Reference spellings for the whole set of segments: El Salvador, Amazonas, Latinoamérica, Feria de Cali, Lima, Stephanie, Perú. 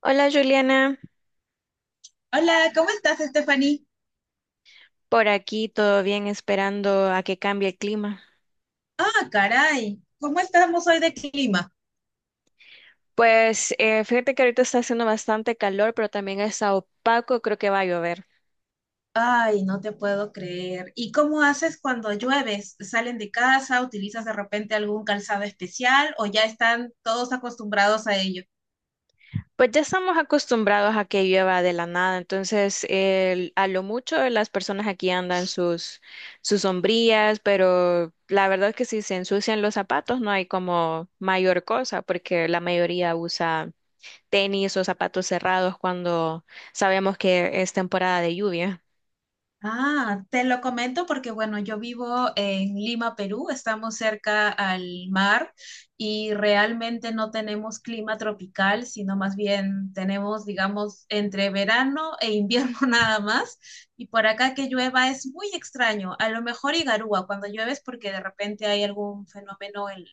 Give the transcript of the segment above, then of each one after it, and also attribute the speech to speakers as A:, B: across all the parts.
A: Hola Juliana,
B: Hola, ¿cómo estás, Stephanie?
A: por aquí todo bien, esperando a que cambie el clima.
B: Ah, caray, ¿cómo estamos hoy de clima?
A: Pues fíjate que ahorita está haciendo bastante calor, pero también está opaco, creo que va a llover.
B: Ay, no te puedo creer. ¿Y cómo haces cuando llueves? ¿Salen de casa? ¿Utilizas de repente algún calzado especial o ya están todos acostumbrados a ello?
A: Pues ya estamos acostumbrados a que llueva de la nada, entonces a lo mucho las personas aquí andan sus sombrillas, pero la verdad es que si se ensucian los zapatos no hay como mayor cosa, porque la mayoría usa tenis o zapatos cerrados cuando sabemos que es temporada de lluvia.
B: Ah, te lo comento porque, bueno, yo vivo en Lima, Perú, estamos cerca al mar y realmente no tenemos clima tropical, sino más bien tenemos, digamos, entre verano e invierno nada más. Y por acá que llueva es muy extraño, a lo mejor Igarúa cuando llueves porque de repente hay algún fenómeno el,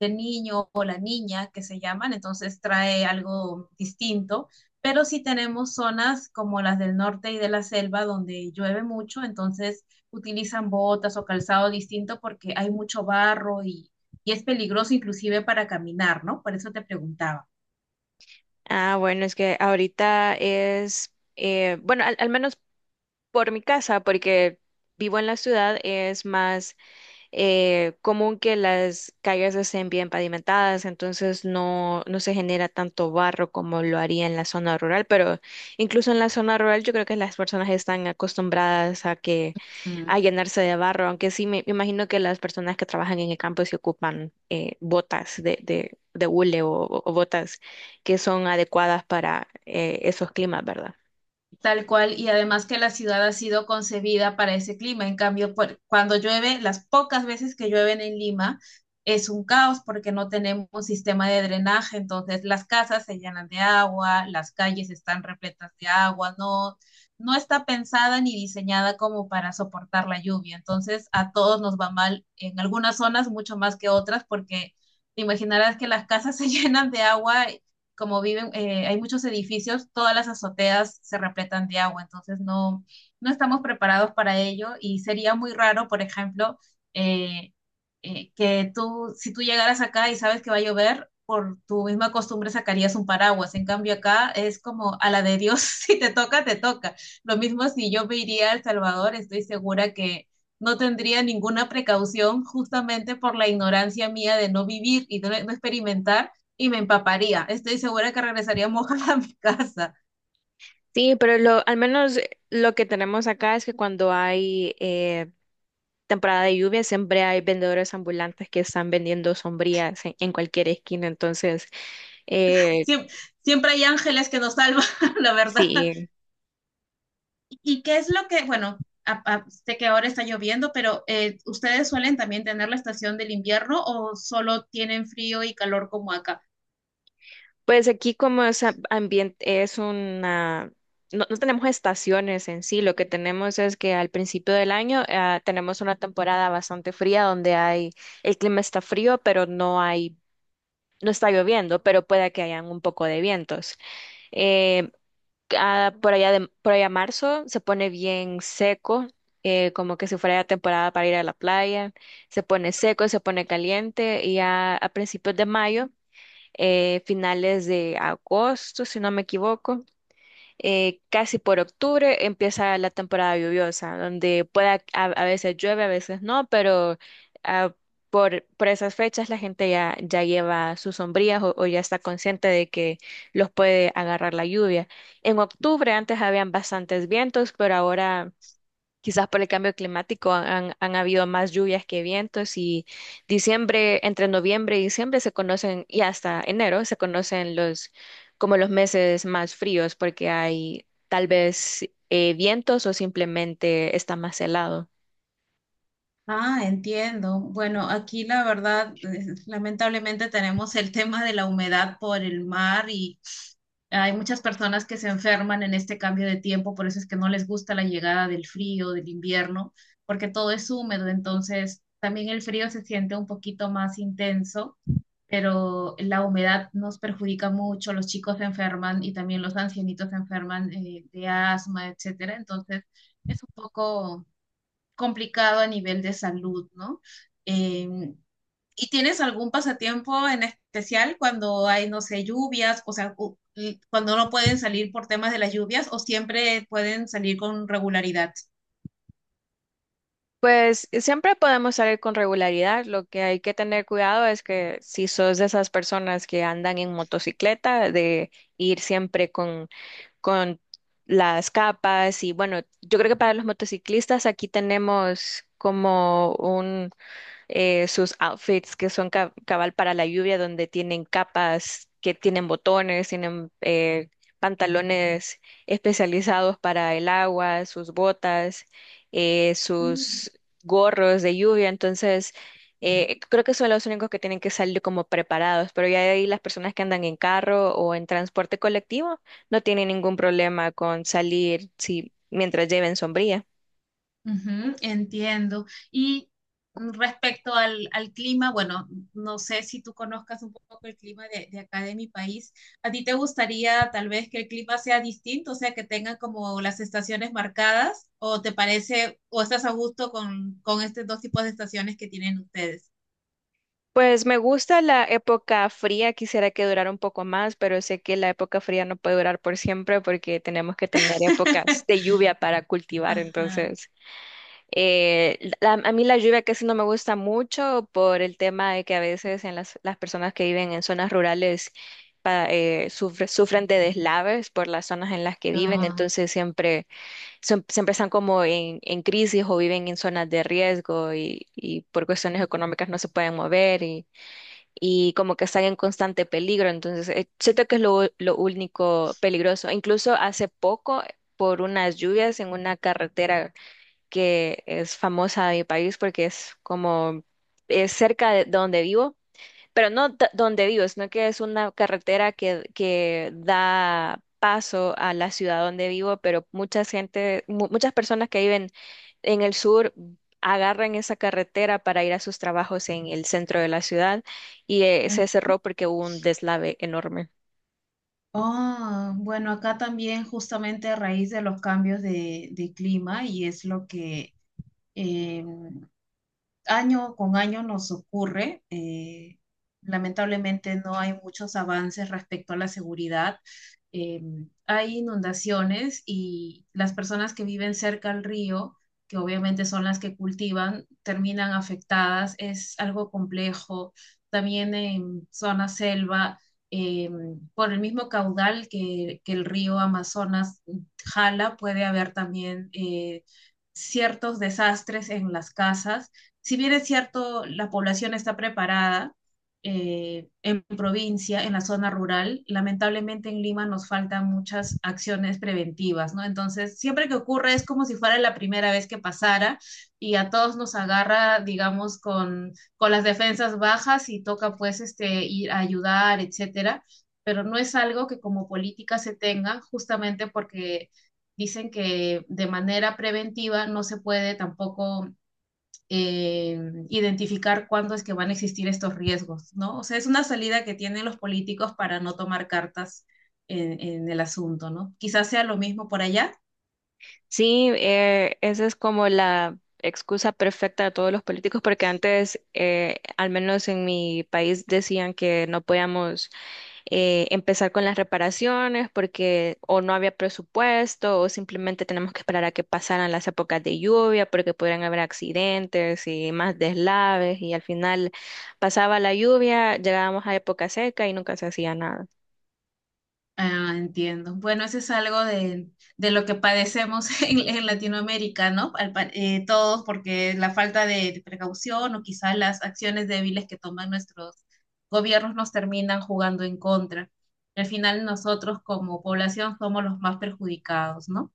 B: del niño o la niña que se llaman, entonces trae algo distinto, pero sí tenemos zonas como las del norte y de la selva donde llueve mucho, entonces utilizan botas o calzado distinto porque hay mucho barro y es peligroso inclusive para caminar, ¿no? Por eso te preguntaba.
A: Ah, bueno, es que ahorita es, bueno, al menos por mi casa, porque vivo en la ciudad, es más común que las calles estén bien pavimentadas, entonces no se genera tanto barro como lo haría en la zona rural, pero incluso en la zona rural yo creo que las personas están acostumbradas
B: Mm.
A: a llenarse de barro, aunque sí me imagino que las personas que trabajan en el campo se ocupan botas de hule o, o botas que son adecuadas para esos climas, ¿verdad?
B: Tal cual, y además que la ciudad ha sido concebida para ese clima. En cambio, cuando llueve, las pocas veces que llueven en Lima, es un caos porque no tenemos sistema de drenaje, entonces las casas se llenan de agua, las calles están repletas de agua, no, no está pensada ni diseñada como para soportar la lluvia. Entonces, a todos nos va mal en algunas zonas mucho más que otras porque te imaginarás que las casas se llenan de agua como viven, hay muchos edificios, todas las azoteas se repletan de agua, entonces no, no estamos preparados para ello y sería muy raro, por ejemplo, eh, que tú, si tú llegaras acá y sabes que va a llover, por tu misma costumbre sacarías un paraguas. En cambio acá es como a la de Dios, si te toca, te toca. Lo mismo si yo me iría a El Salvador, estoy segura que no tendría ninguna precaución justamente por la ignorancia mía de no vivir y no, no experimentar y me empaparía. Estoy segura que regresaría mojada a mi casa.
A: Sí, pero lo, al menos lo que tenemos acá es que cuando hay temporada de lluvia siempre hay vendedores ambulantes que están vendiendo sombrillas en cualquier esquina. Entonces, eh,
B: Siem- Siempre hay ángeles que nos salvan, la verdad.
A: sí,
B: ¿Y qué es lo que, bueno, sé que ahora está lloviendo, pero ¿ustedes suelen también tener la estación del invierno o solo tienen frío y calor como acá?
A: pues aquí como es ambiente, es una... No, no tenemos estaciones en sí, lo que tenemos es que al principio del año tenemos una temporada bastante fría donde hay, el clima está frío, pero no hay, no está lloviendo, pero puede que hayan un poco de vientos. Eh, por allá de, por allá marzo se pone bien seco, como que si fuera ya temporada para ir a la playa, se pone seco, se pone caliente y ya a principios de mayo, finales de agosto, si no me equivoco casi por octubre empieza la temporada lluviosa, donde pueda, a veces llueve, a veces no, pero ah, por esas fechas la gente ya, ya lleva sus sombrillas o ya está consciente de que los puede agarrar la lluvia. En octubre antes habían bastantes vientos, pero ahora quizás por el cambio climático han habido más lluvias que vientos y diciembre, entre noviembre y diciembre se conocen, y hasta enero se conocen los como los meses más fríos porque hay tal vez vientos o simplemente está más helado.
B: Ah, entiendo. Bueno, aquí la verdad, lamentablemente tenemos el tema de la humedad por el mar y hay muchas personas que se enferman en este cambio de tiempo, por eso es que no les gusta la llegada del frío, del invierno, porque todo es húmedo, entonces también el frío se siente un poquito más intenso, pero la humedad nos perjudica mucho, los chicos se enferman y también los ancianitos se enferman de asma, etcétera, entonces es un poco complicado a nivel de salud, ¿no? Eh, ¿Y tienes algún pasatiempo en especial cuando hay, no sé, lluvias, o sea, y cuando no pueden salir por temas de las lluvias o siempre pueden salir con regularidad?
A: Pues siempre podemos salir con regularidad. Lo que hay que tener cuidado es que si sos de esas personas que andan en motocicleta, de ir siempre con las capas y bueno, yo creo que para los motociclistas aquí tenemos como un sus outfits que son cabal para la lluvia, donde tienen capas, que tienen botones, tienen pantalones especializados para el agua, sus botas, sus gorros de lluvia. Entonces, creo que son los únicos que tienen que salir como preparados, pero ya de ahí las personas que andan en carro o en transporte colectivo no tienen ningún problema con salir si, mientras lleven sombría.
B: Ujú, entiendo. Y respecto al clima, bueno, no sé si tú conozcas un poco el clima de acá de mi país. ¿A ti te gustaría tal vez que el clima sea distinto, o sea, que tengan como las estaciones marcadas? ¿O te parece, o estás a gusto con estos dos tipos de estaciones que tienen ustedes?
A: Pues me gusta la época fría, quisiera que durara un poco más, pero sé que la época fría no puede durar por siempre porque tenemos que tener épocas de lluvia para cultivar.
B: Ajá.
A: Entonces, la- a mí la lluvia casi no me gusta mucho por el tema de que a veces en las personas que viven en zonas rurales sufren de deslaves por las zonas en las que viven,
B: Ah.
A: entonces siempre, siempre están como en crisis o viven en zonas de riesgo y por cuestiones económicas no se pueden mover y como que están en constante peligro. Entonces, siento que es lo único peligroso. Incluso hace poco, por unas lluvias en una carretera que es famosa de mi país porque es como es cerca de donde vivo, pero no donde vivo, sino que es una carretera que da paso a la ciudad donde vivo, pero mucha gente, muchas personas que viven en el sur agarran esa carretera para ir a sus trabajos en el centro de la ciudad y
B: Mm.
A: se cerró porque hubo un deslave enorme.
B: Oh, bueno, acá también justamente a raíz de los cambios de clima y es lo que año con año nos ocurre. Lamentablemente no hay muchos avances respecto a la seguridad. Eh, Hay inundaciones y las personas que viven cerca al río, que obviamente son las que cultivan, terminan afectadas. Es algo complejo. También en zona selva, eh, por el mismo caudal que el río Amazonas jala, puede haber también... ciertos desastres en las casas. Si bien es cierto, la población está preparada en provincia, en la zona rural, lamentablemente en Lima nos faltan muchas acciones preventivas, ¿no? Entonces, siempre que ocurre es como si fuera la primera vez que pasara y a todos nos agarra, digamos, con las defensas bajas y toca pues este, ir a ayudar, etcétera, pero no es algo que como política se tenga justamente porque dicen que de manera preventiva no se puede tampoco eh, identificar cuándo es que van a existir estos riesgos, ¿no? O sea, es una salida que tienen los políticos para no tomar cartas en el asunto, ¿no? Quizás sea lo mismo por allá.
A: Sí, esa es como la excusa perfecta de todos los políticos, porque antes, al menos en mi país, decían que no podíamos empezar con las reparaciones porque o no había presupuesto o simplemente tenemos que esperar a que pasaran las épocas de lluvia porque podrían haber accidentes y más deslaves y al final pasaba la lluvia, llegábamos a época seca y nunca se hacía nada.
B: Ah, entiendo. Bueno, eso es algo de lo que padecemos en Latinoamérica, ¿no? Todos, porque la falta de precaución o quizás las acciones débiles que toman nuestros gobiernos nos terminan jugando en contra. Al final nosotros como población somos los más perjudicados, ¿no?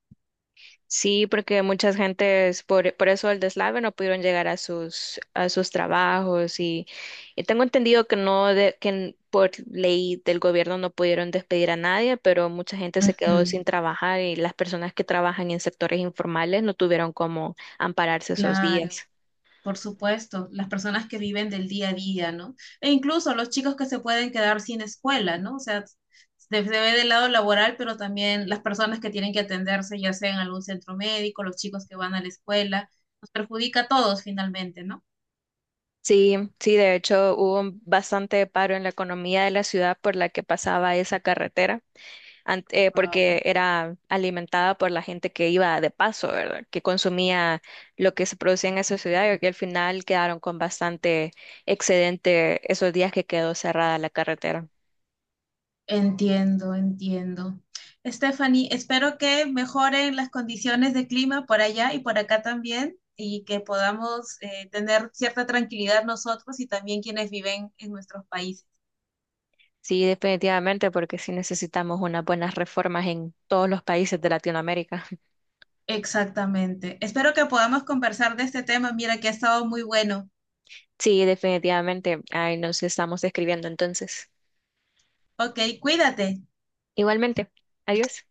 A: Sí, porque muchas gentes por eso el deslave no pudieron llegar a sus trabajos y tengo entendido que no de- que n- por ley del gobierno no pudieron despedir a nadie, pero mucha gente se quedó
B: Ujú,
A: sin trabajar y las personas que trabajan en sectores informales no tuvieron cómo ampararse esos
B: claro.
A: días.
B: Por supuesto, las personas que viven del día a día, ¿no? E incluso los chicos que se pueden quedar sin escuela, ¿no? O sea, se ve del lado laboral, pero también las personas que tienen que atenderse, ya sea en algún centro médico, los chicos que van a la escuela, nos perjudica a todos finalmente, ¿no?
A: Sí, sí, de hecho hubo un bastante paro en la economía de la ciudad por la que pasaba esa carretera.
B: Wow.
A: Porque era alimentada por la gente que iba de paso, ¿verdad? Que consumía lo que se producía en esa ciudad y al final quedaron con bastante excedente esos días que quedó cerrada la carretera.
B: Entiendo, entiendo. Stephanie, espero que mejoren las condiciones de clima por allá y por acá también y que podamos tener cierta tranquilidad nosotros y también quienes viven en nuestros países.
A: Sí, definitivamente, porque sí necesitamos unas buenas reformas en todos los países de Latinoamérica.
B: Exactamente. Espero que podamos conversar de este tema. Mira que ha estado muy bueno.
A: Sí, definitivamente. Ahí nos estamos escribiendo entonces.
B: Ok, cuídate.
A: Igualmente. Adiós.